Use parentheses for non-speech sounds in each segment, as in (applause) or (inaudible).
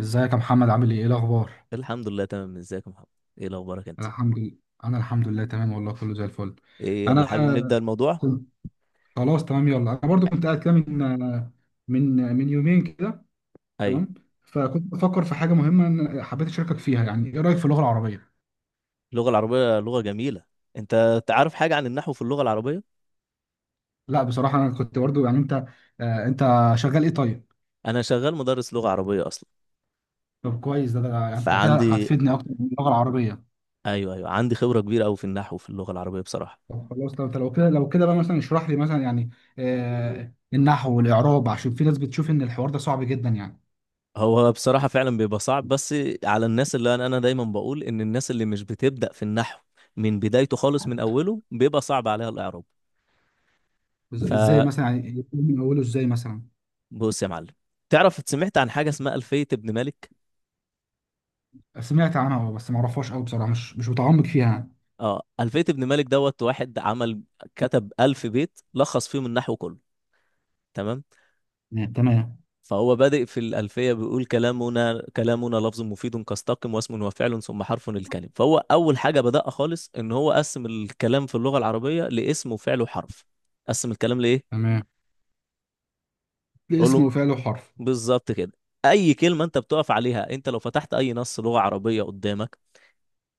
ازيك يا محمد؟ عامل ايه الاخبار؟ الحمد لله، تمام. ازيك يا محمد؟ ايه اخبارك انت؟ الحمد لله. انا الحمد لله تمام، والله كله زي الفل. ايه، يلا انا حابب نبدأ الموضوع. كنت خلاص تمام، يلا انا برضو كنت قاعد كده من من يومين كده. ايوه. تمام. فكنت بفكر في حاجه مهمه إن حبيت اشاركك فيها، يعني ايه رايك في اللغه العربيه؟ اللغة العربية لغة جميلة. انت تعرف حاجة عن النحو في اللغة العربية؟ لا بصراحه انا كنت برضو يعني انت شغال ايه طيب؟ انا شغال مدرس لغة عربية اصلا. طب كويس، ده يعني انت كده فعندي هتفيدني اكتر من اللغه العربيه. ايوه، ايوه، عندي خبرة كبيرة قوي في النحو في اللغة العربية بصراحة. طب خلاص، طب لو كده بقى مثلا اشرح لي مثلا، يعني النحو والاعراب، عشان في ناس بتشوف ان الحوار ده صعب جدا يعني. هو بصراحة فعلا بيبقى صعب، بس على الناس اللي انا دايما بقول ان الناس اللي مش بتبدأ في النحو من بدايته خالص من اوله بيبقى صعب عليها الاعراب. ازاي فبص مثلا؟ يعني من اوله ازاي مثلا؟ يا معلم، تعرف سمعت عن حاجة اسمها ألفية ابن مالك؟ سمعت عنها اه بس ما اعرفهاش قوي بصراحه، مش متعمق فيها يعني. اه، ألفية ابن مالك دوت، واحد عمل، كتب 1000 بيت لخص فيهم النحو كله. تمام. نعم، تمام. فهو بادئ في الألفية بيقول: كلامنا كلامنا لفظ مفيد كاستقم، واسم وفعل ثم حرف الكلم. فهو أول حاجة بدأها خالص إن هو قسم الكلام في اللغة العربية لاسم وفعل وحرف. قسم الكلام لإيه؟ تمام، قول اسم له. وفعل وحرف. بالظبط كده. أي كلمة أنت بتقف عليها، أنت لو فتحت أي نص لغة عربية قدامك،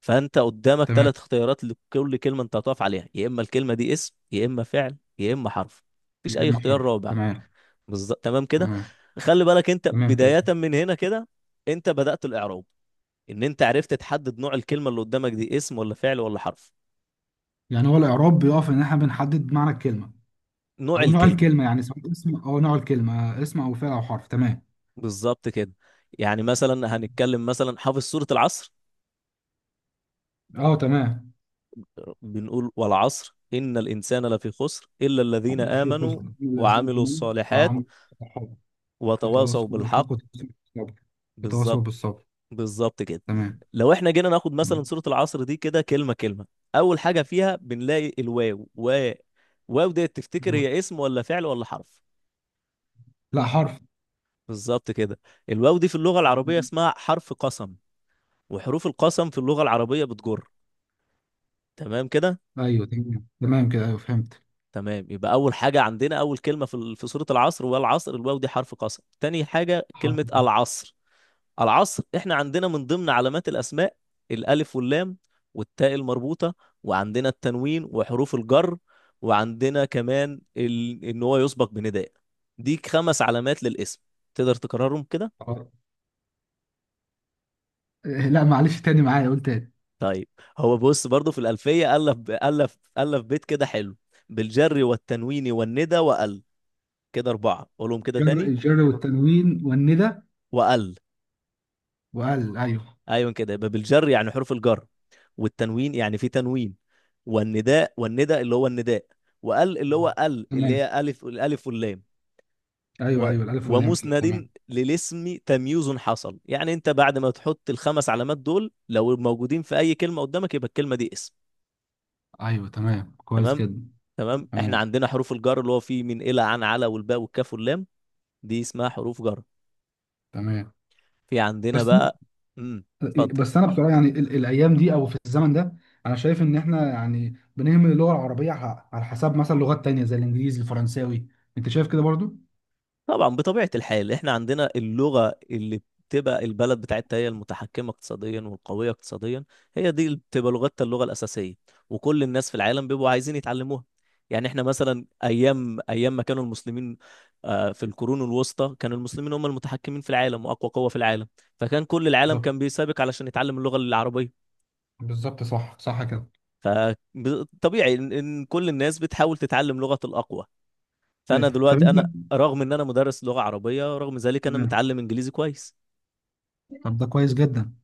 فانت قدامك تمام، ثلاث اختيارات لكل كلمه انت هتقف عليها: يا اما الكلمه دي اسم، يا اما فعل، يا اما حرف. مفيش يا اي اما اختيار حرف. رابع. تمام. بالظبط، تمام كده. تمام خلي بالك، انت تمام كده. بدايه من هنا كده. انت بدات الاعراب، ان انت عرفت تحدد نوع الكلمه اللي قدامك، دي اسم ولا فعل ولا حرف. يعني هو الاعراب بيقف ان احنا بنحدد معنى الكلمه نوع او نوع الكلمه. الكلمه، يعني سواء اسم، او نوع الكلمه اسم او فعل او حرف. تمام. بالظبط كده. يعني مثلا هنتكلم، مثلا حافظ سوره العصر؟ اه تمام. بنقول: والعصر، ان الانسان لفي خسر، الا الذين ده في امنوا خزن لازم وعملوا امين الصالحات وعمل. الصحابه. وتواصوا وتواصوا بالحق. بالحق. وتواصوا بالصبر. وتواصوا بالظبط. بالصبر. بالظبط كده. تمام. لو احنا جينا ناخد مثلا تمام. سورة العصر دي كده كلمة كلمة، أول حاجة فيها بنلاقي الواو. واو دي تفتكر هي اسم ولا فعل ولا حرف؟ لا، حرف. بالظبط كده. الواو دي في اللغة العربية اسمها حرف قسم، وحروف القسم في اللغة العربية بتجر. تمام كده. ايوه تمام، تمام كده، ايوه فهمت. تمام، يبقى أول حاجة عندنا أول كلمة في في سورة العصر، والعصر. الواو دي حرف قسم، تاني حاجة حرف كلمة العصر. العصر احنا عندنا من ضمن علامات الاسماء الالف واللام، والتاء المربوطه، وعندنا التنوين وحروف الجر، وعندنا كمان ان هو يسبق بنداء. دي خمس علامات للاسم. تقدر تكررهم كده؟ الجر. لا معلش تاني معايا، قول تاني. طيب. هو بص برضو في الالفيه الف ب- الف الف بيت كده حلو: بالجر والتنوين والندى وال. كده اربعه، قولهم كده تاني. الجر والتنوين والندى وال، وال، ايوه. ايوه، كده. يبقى بالجر يعني حروف الجر، والتنوين يعني في تنوين، والنداء والندى اللي هو النداء، وال اللي هو ال اللي تمام. هي الف الالف واللام. ايوه و- ايوه، الالف واللام، ايوه ومسند تمام. للاسم تمييز حصل. يعني انت بعد ما تحط الخمس علامات دول لو موجودين في اي كلمه قدامك، يبقى الكلمه دي اسم. ايوه تمام، كويس تمام. جدا. تمام، احنا تمام. عندنا حروف الجر اللي هو: في، من، الى، عن، على، والباء والكاف واللام. دي اسمها حروف جر. تمام. في عندنا بس أنا- بقى. امم اتفضل. بس انا بصراحه يعني الايام دي او في الزمن ده انا شايف ان احنا يعني بنهمل اللغه العربيه على حساب مثلا لغات تانية زي الانجليزي، الفرنساوي. انت شايف كده برضو؟ طبعا بطبيعة الحال احنا عندنا اللغة اللي بتبقى البلد بتاعتها هي المتحكمة اقتصاديا والقوية اقتصاديا، هي دي اللي بتبقى لغتها اللغة الأساسية، وكل الناس في العالم بيبقوا عايزين يتعلموها. يعني احنا مثلا أيام ما كانوا المسلمين في القرون الوسطى كان المسلمين هم المتحكمين في العالم وأقوى قوة في العالم. فكان كل العالم بالظبط. كان بيسابق علشان يتعلم اللغة العربية. بالظبط، صح صح كده. فطبيعي إن كل الناس بتحاول تتعلم لغة الأقوى. أيوة. فانا طب دلوقتي انت. رغم ان انا مدرس لغه عربيه، رغم ذلك انا تمام. متعلم انجليزي كويس. طب ده كويس جدا.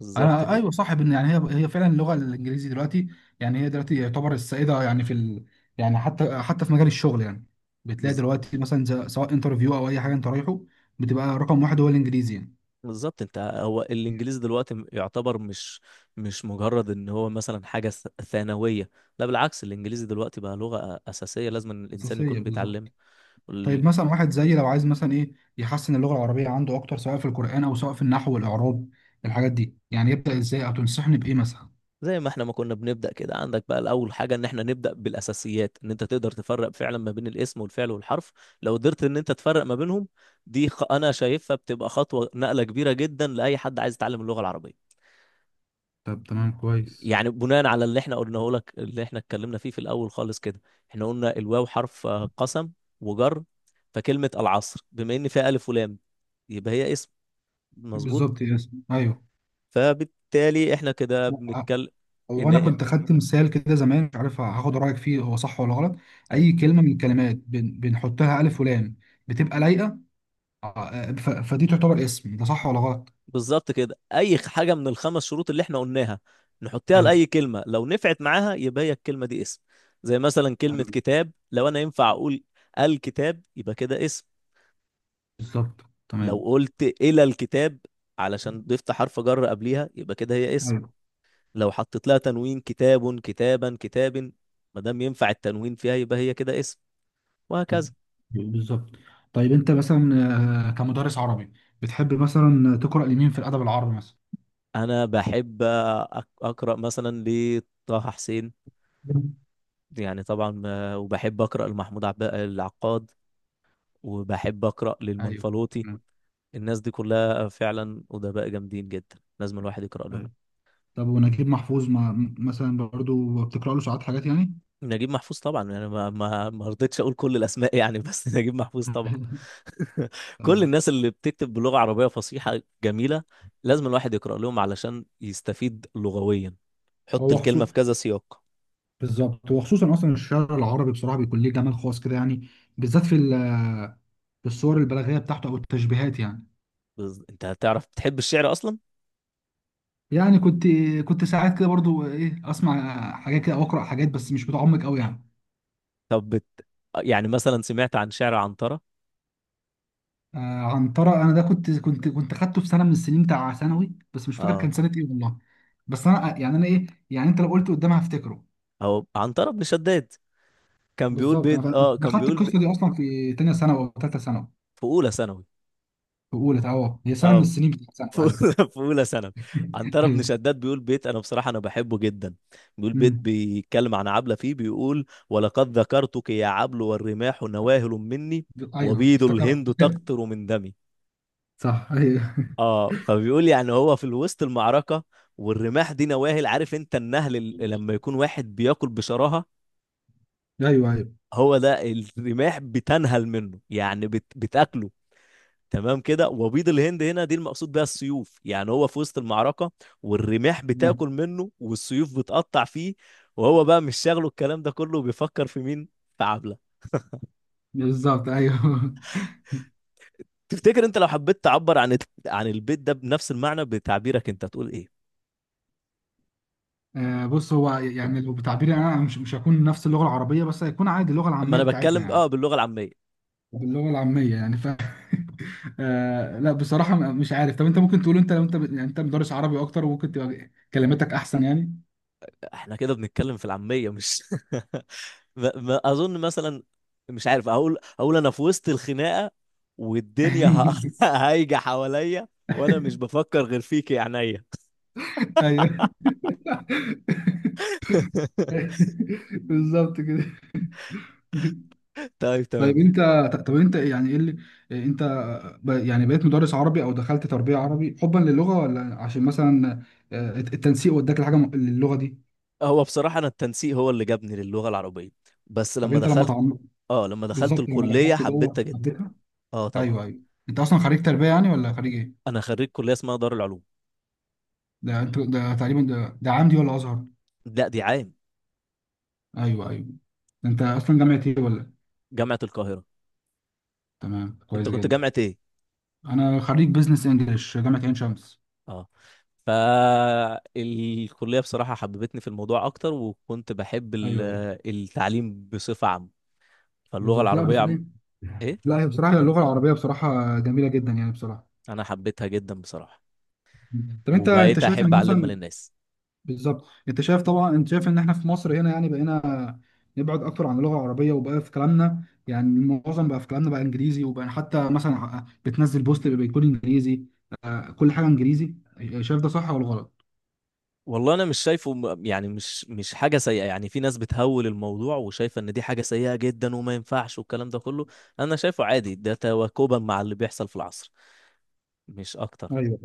بالظبط انا كده. ايوه صح، بان يعني هي فعلا اللغه الانجليزي دلوقتي، يعني هي دلوقتي يعتبر السائده، يعني في ال... يعني حتى في مجال الشغل يعني، بتلاقي بالز- دلوقتي مثلا سواء انترفيو او اي حاجه انت رايحه بتبقى رقم واحد هو الانجليزي يعني. بالظبط، انت هو الانجليزي دلوقتي يعتبر مش مجرد ان هو مثلا حاجه ثانويه. لا بالعكس، الانجليزي دلوقتي بقى لغه اساسيه، لازم إن الانسان اساسيه، يكون بيتعلم. بالظبط. طيب وال- مثلا واحد زيي لو عايز مثلا ايه يحسن اللغه العربيه عنده اكتر، سواء في القران او سواء في النحو والاعراب، الحاجات دي يعني يبدا ازاي؟ او تنصحني بايه مثلا؟ زي ما احنا ما كنا بنبدا كده، عندك بقى الاول حاجه ان احنا نبدا بالاساسيات، ان انت تقدر تفرق فعلا ما بين الاسم والفعل والحرف. لو قدرت ان انت تفرق ما بينهم، انا شايفها بتبقى خطوه نقله كبيره جدا لاي حد عايز يتعلم اللغه العربيه. طب تمام، كويس. يعني بناء على اللي احنا قلناه لك، اللي احنا اتكلمنا فيه في الاول خالص كده، احنا قلنا الواو حرف قسم وجر. فكلمة العصر بما ان فيها الف ولام يبقى هي اسم. مظبوط. بالظبط، يس ايوه. فبالتالي احنا كده بنتكلم هو انا ان كنت خدت مثال كده زمان، مش عارف هاخد رايك فيه هو صح ولا غلط. اي اي كلمه من الكلمات بنحط لها الف ولام بتبقى لايقه، فدي تعتبر اسم. ده صح ولا غلط؟ بالظبط كده، اي حاجة من الخمس شروط اللي احنا قلناها نحطها ايوه. لأي كلمة لو نفعت معاها يبقى هي الكلمة دي اسم. زي مثلا كلمة ايوه. كتاب، لو انا ينفع اقول الكتاب يبقى كده اسم. بالظبط. لو تمام. قلت إلى الكتاب، علشان ضفت حرف جر قبليها، يبقى كده هي اسم. ايوه. لو حطيت لها تنوين: كتاب، كتابا، كتاب، ما دام ينفع التنوين فيها يبقى هي كده اسم. طب. وهكذا. بالظبط. طيب انت مثلا، كمدرس عربي، بتحب مثلا تقرا لمين في الادب العربي مثلا؟ أنا بحب أقرأ مثلا لطه حسين. مم. يعني طبعا وبحب أقرأ لمحمود العقاد. وبحب أقرأ ايوه. للمنفلوطي. تمام. الناس دي كلها فعلا أدباء جامدين جدا، لازم الواحد يقرأ لهم. ايوه. طب ونجيب محفوظ ما مثلا برضو بتقرا له ساعات حاجات يعني؟ نجيب محفوظ طبعا، يعني ما رضيتش اقول كل الاسماء يعني بس. (laughs) نجيب محفوظ طبعا. (laughs) (laughs) كل تمام. الناس اللي بتكتب بلغة عربية فصيحة جميلة لازم الواحد يقرأ لهم علشان يستفيد لغويا، حط هو الكلمة خصوص في كذا سياق. بالظبط، وخصوصا اصلا الشعر العربي بصراحه بيكون ليه جمال خاص كده يعني، بالذات في الصور البلاغيه بتاعته او التشبيهات يعني. انت هتعرف، بتحب الشعر اصلا؟ يعني كنت كنت ساعات كده برضو ايه، اسمع حاجات كده او اقرا حاجات، بس مش متعمق قوي يعني. طب بت... يعني مثلا سمعت عن شعر عنترة؟ آه عنترة، انا ده كنت كنت خدته في سنه من السنين بتاع ثانوي، بس مش فاكر اه، كان سنه ايه والله. بس انا يعني انا ايه يعني، انت لو قلت قدامها هفتكره. او عنترة بن شداد كان بيقول بالظبط. بيت، انا خدت القصه دي اصلا في تانية ثانوي او ثالثه ثانوي. في اولى ثانوي. في اولى، اه، هي سنه من اه، السنين بتاعت ثانوي ايوه. في أولى ثانوي، (laughs) عنترة بن ايوه. شداد بيقول بيت، أنا بصراحة أنا بحبه جدا. بيقول بيت مم. بيتكلم عن عبلة فيه، بيقول: ولقد ذكرتك يا عبل والرماح نواهل مني ايوه وبيض افتكرت. الهند (laughs) تقطر من دمي. صح ايوه. اه، فبيقول يعني هو في الوسط المعركة، والرماح دي نواهل. عارف انت النهل لما يكون واحد بياكل بشراهة، (laughs) ايوه، ايوه. هو ده الرماح بتنهل منه، يعني بتاكله. تمام كده. وبيض الهند هنا دي المقصود بيها السيوف. يعني هو في وسط المعركة، والرماح تمام. بتاكل منه والسيوف بتقطع فيه، وهو بقى مش شاغله الكلام ده كله وبيفكر في مين؟ في عبلة. بالظبط ايوه. (laughs) تفتكر انت لو حبيت تعبر عن البيت ده بنفس المعنى بتعبيرك انت، هتقول ايه؟ بص هو يعني لو بتعبيري انا، مش هكون نفس اللغه العربيه، بس هيكون عادي اللغه ما العاميه انا بتاعتنا بتكلم اه يعني. باللغة العامية. باللغه العاميه يعني (laughs) آه لا بصراحه مش عارف. طب انت ممكن تقول، انت لو انت يعني انت مدرس عربي اكتر وممكن تبقى كلماتك احسن يعني. احنا كده بنتكلم في العامية مش. (laughs) ما اظن مثلا، مش عارف. اقول انا في وسط الخناقة والدنيا (laughs) (laughs) هايجة حواليا، وانا مش بفكر غير فيك يا عينيا. ايوه. (laughs) (laughs) بالظبط كده. طيب تمام طيب نجم. انت طب انت يعني ايه اللي اه، انت يعني بقيت مدرس عربي او دخلت تربية عربي حبا للغة، ولا عشان مثلا التنسيق وداك لحاجة للغة دي؟ هو بصراحة أنا التنسيق هو اللي جابني للغة العربية، بس طب لما انت لما دخلت. تعمق، اه، لما دخلت بالظبط لما الكلية دخلت جوه حبيتها جدا. حبيتها. اه طبعا. ايوه ايوه. انت اصلا خريج تربية يعني، ولا خريج ايه؟ أنا خريج كلية اسمها دار العلوم. ده انت ده تقريبا، ده عمدي ولا ازهر؟ لا، دي عام. ايوه، ايوه. ده انت اصلا جامعة ايه ولا؟ جامعة القاهرة. تمام أنت كويس كنت جدا. جامعة إيه؟ انا خريج بزنس انجلش، جامعة عين شمس. اه. فالكلية بصراحة حببتني في الموضوع أكتر، وكنت بحب ايوه، ايوه. التعليم بصفة عامة. فاللغة بالظبط، لا العربية بس عم... ايه. إيه؟ لا، هي بصراحة اللغة العربية بصراحة جميلة جدا يعني بصراحة. أنا حبيتها جدا بصراحة، طب انت وبقيت شايف أحب ان أعلمها مثلا، للناس. بالظبط انت شايف، طبعا انت شايف ان احنا في مصر هنا يعني بقينا نبعد اكتر عن اللغه العربيه، وبقى في كلامنا يعني معظم بقى في كلامنا بقى انجليزي، وبقى حتى مثلا بتنزل بوست بيكون انجليزي، كل حاجه انجليزي. شايف ده صح ولا غلط؟ والله انا مش شايفه يعني مش حاجه سيئه، يعني في ناس بتهول الموضوع وشايفه ان دي حاجه سيئه جدا وما ينفعش والكلام ده كله. انا شايفه عادي، ده تواكبا مع اللي بيحصل في العصر، مش اكتر. ايوه.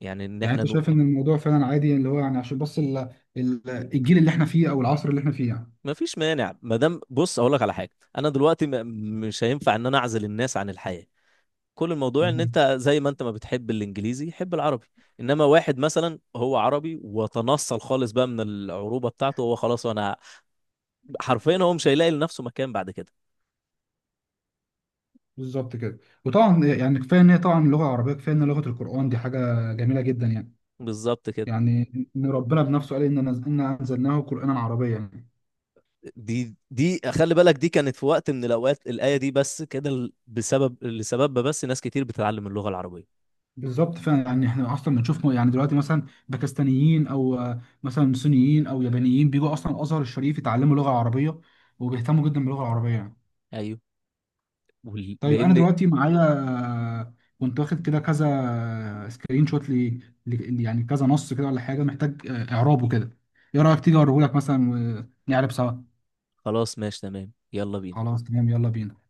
يعني ان يعني احنا انت شايف نو... ان الموضوع فعلا عادي، اللي هو يعني عشان بس ال- الجيل اللي احنا فيه او العصر اللي احنا فيه يعني. ما فيش مانع. ما دام، بص اقول لك على حاجه: انا دلوقتي مش هينفع ان انا اعزل الناس عن الحياه. كل الموضوع ان تمام. انت زي ما انت ما بتحب الانجليزي حب العربي. انما واحد مثلا هو عربي وتنصل خالص بقى من العروبه بتاعته، هو خلاص. وانا حرفيا هو مش هيلاقي لنفسه مكان بعد كده. بالظبط كده. وطبعا يعني كفايه ان هي طبعا اللغه العربيه كفايه ان لغه القرآن، دي حاجه جميله جدا يعني. بالظبط كده. يعني ان ربنا بنفسه قال ان انا انزلناه قرانا عربيا يعني. دي خلي بالك، دي كانت في وقت من الاوقات الايه دي بس كده بسبب لسببها بس ناس كتير بتتعلم اللغه العربيه. بالظبط فعلا، يعني احنا اصلا بنشوف يعني دلوقتي مثلا باكستانيين، او مثلا صينيين، او يابانيين بيجوا اصلا الازهر الشريف يتعلموا لغه عربيه، وبيهتموا جدا باللغه العربيه يعني. ايوه. وال- طيب انا لان دلوقتي معايا، آه، كنت واخد كده كذا سكرين شوت، يعني كذا نص كده ولا حاجه محتاج اعرابه كده. ايه رايك تيجي اوريهولك مثلا، ونعرب سوا؟ خلاص، ماشي تمام، يلا بينا. خلاص تمام، يلا بينا.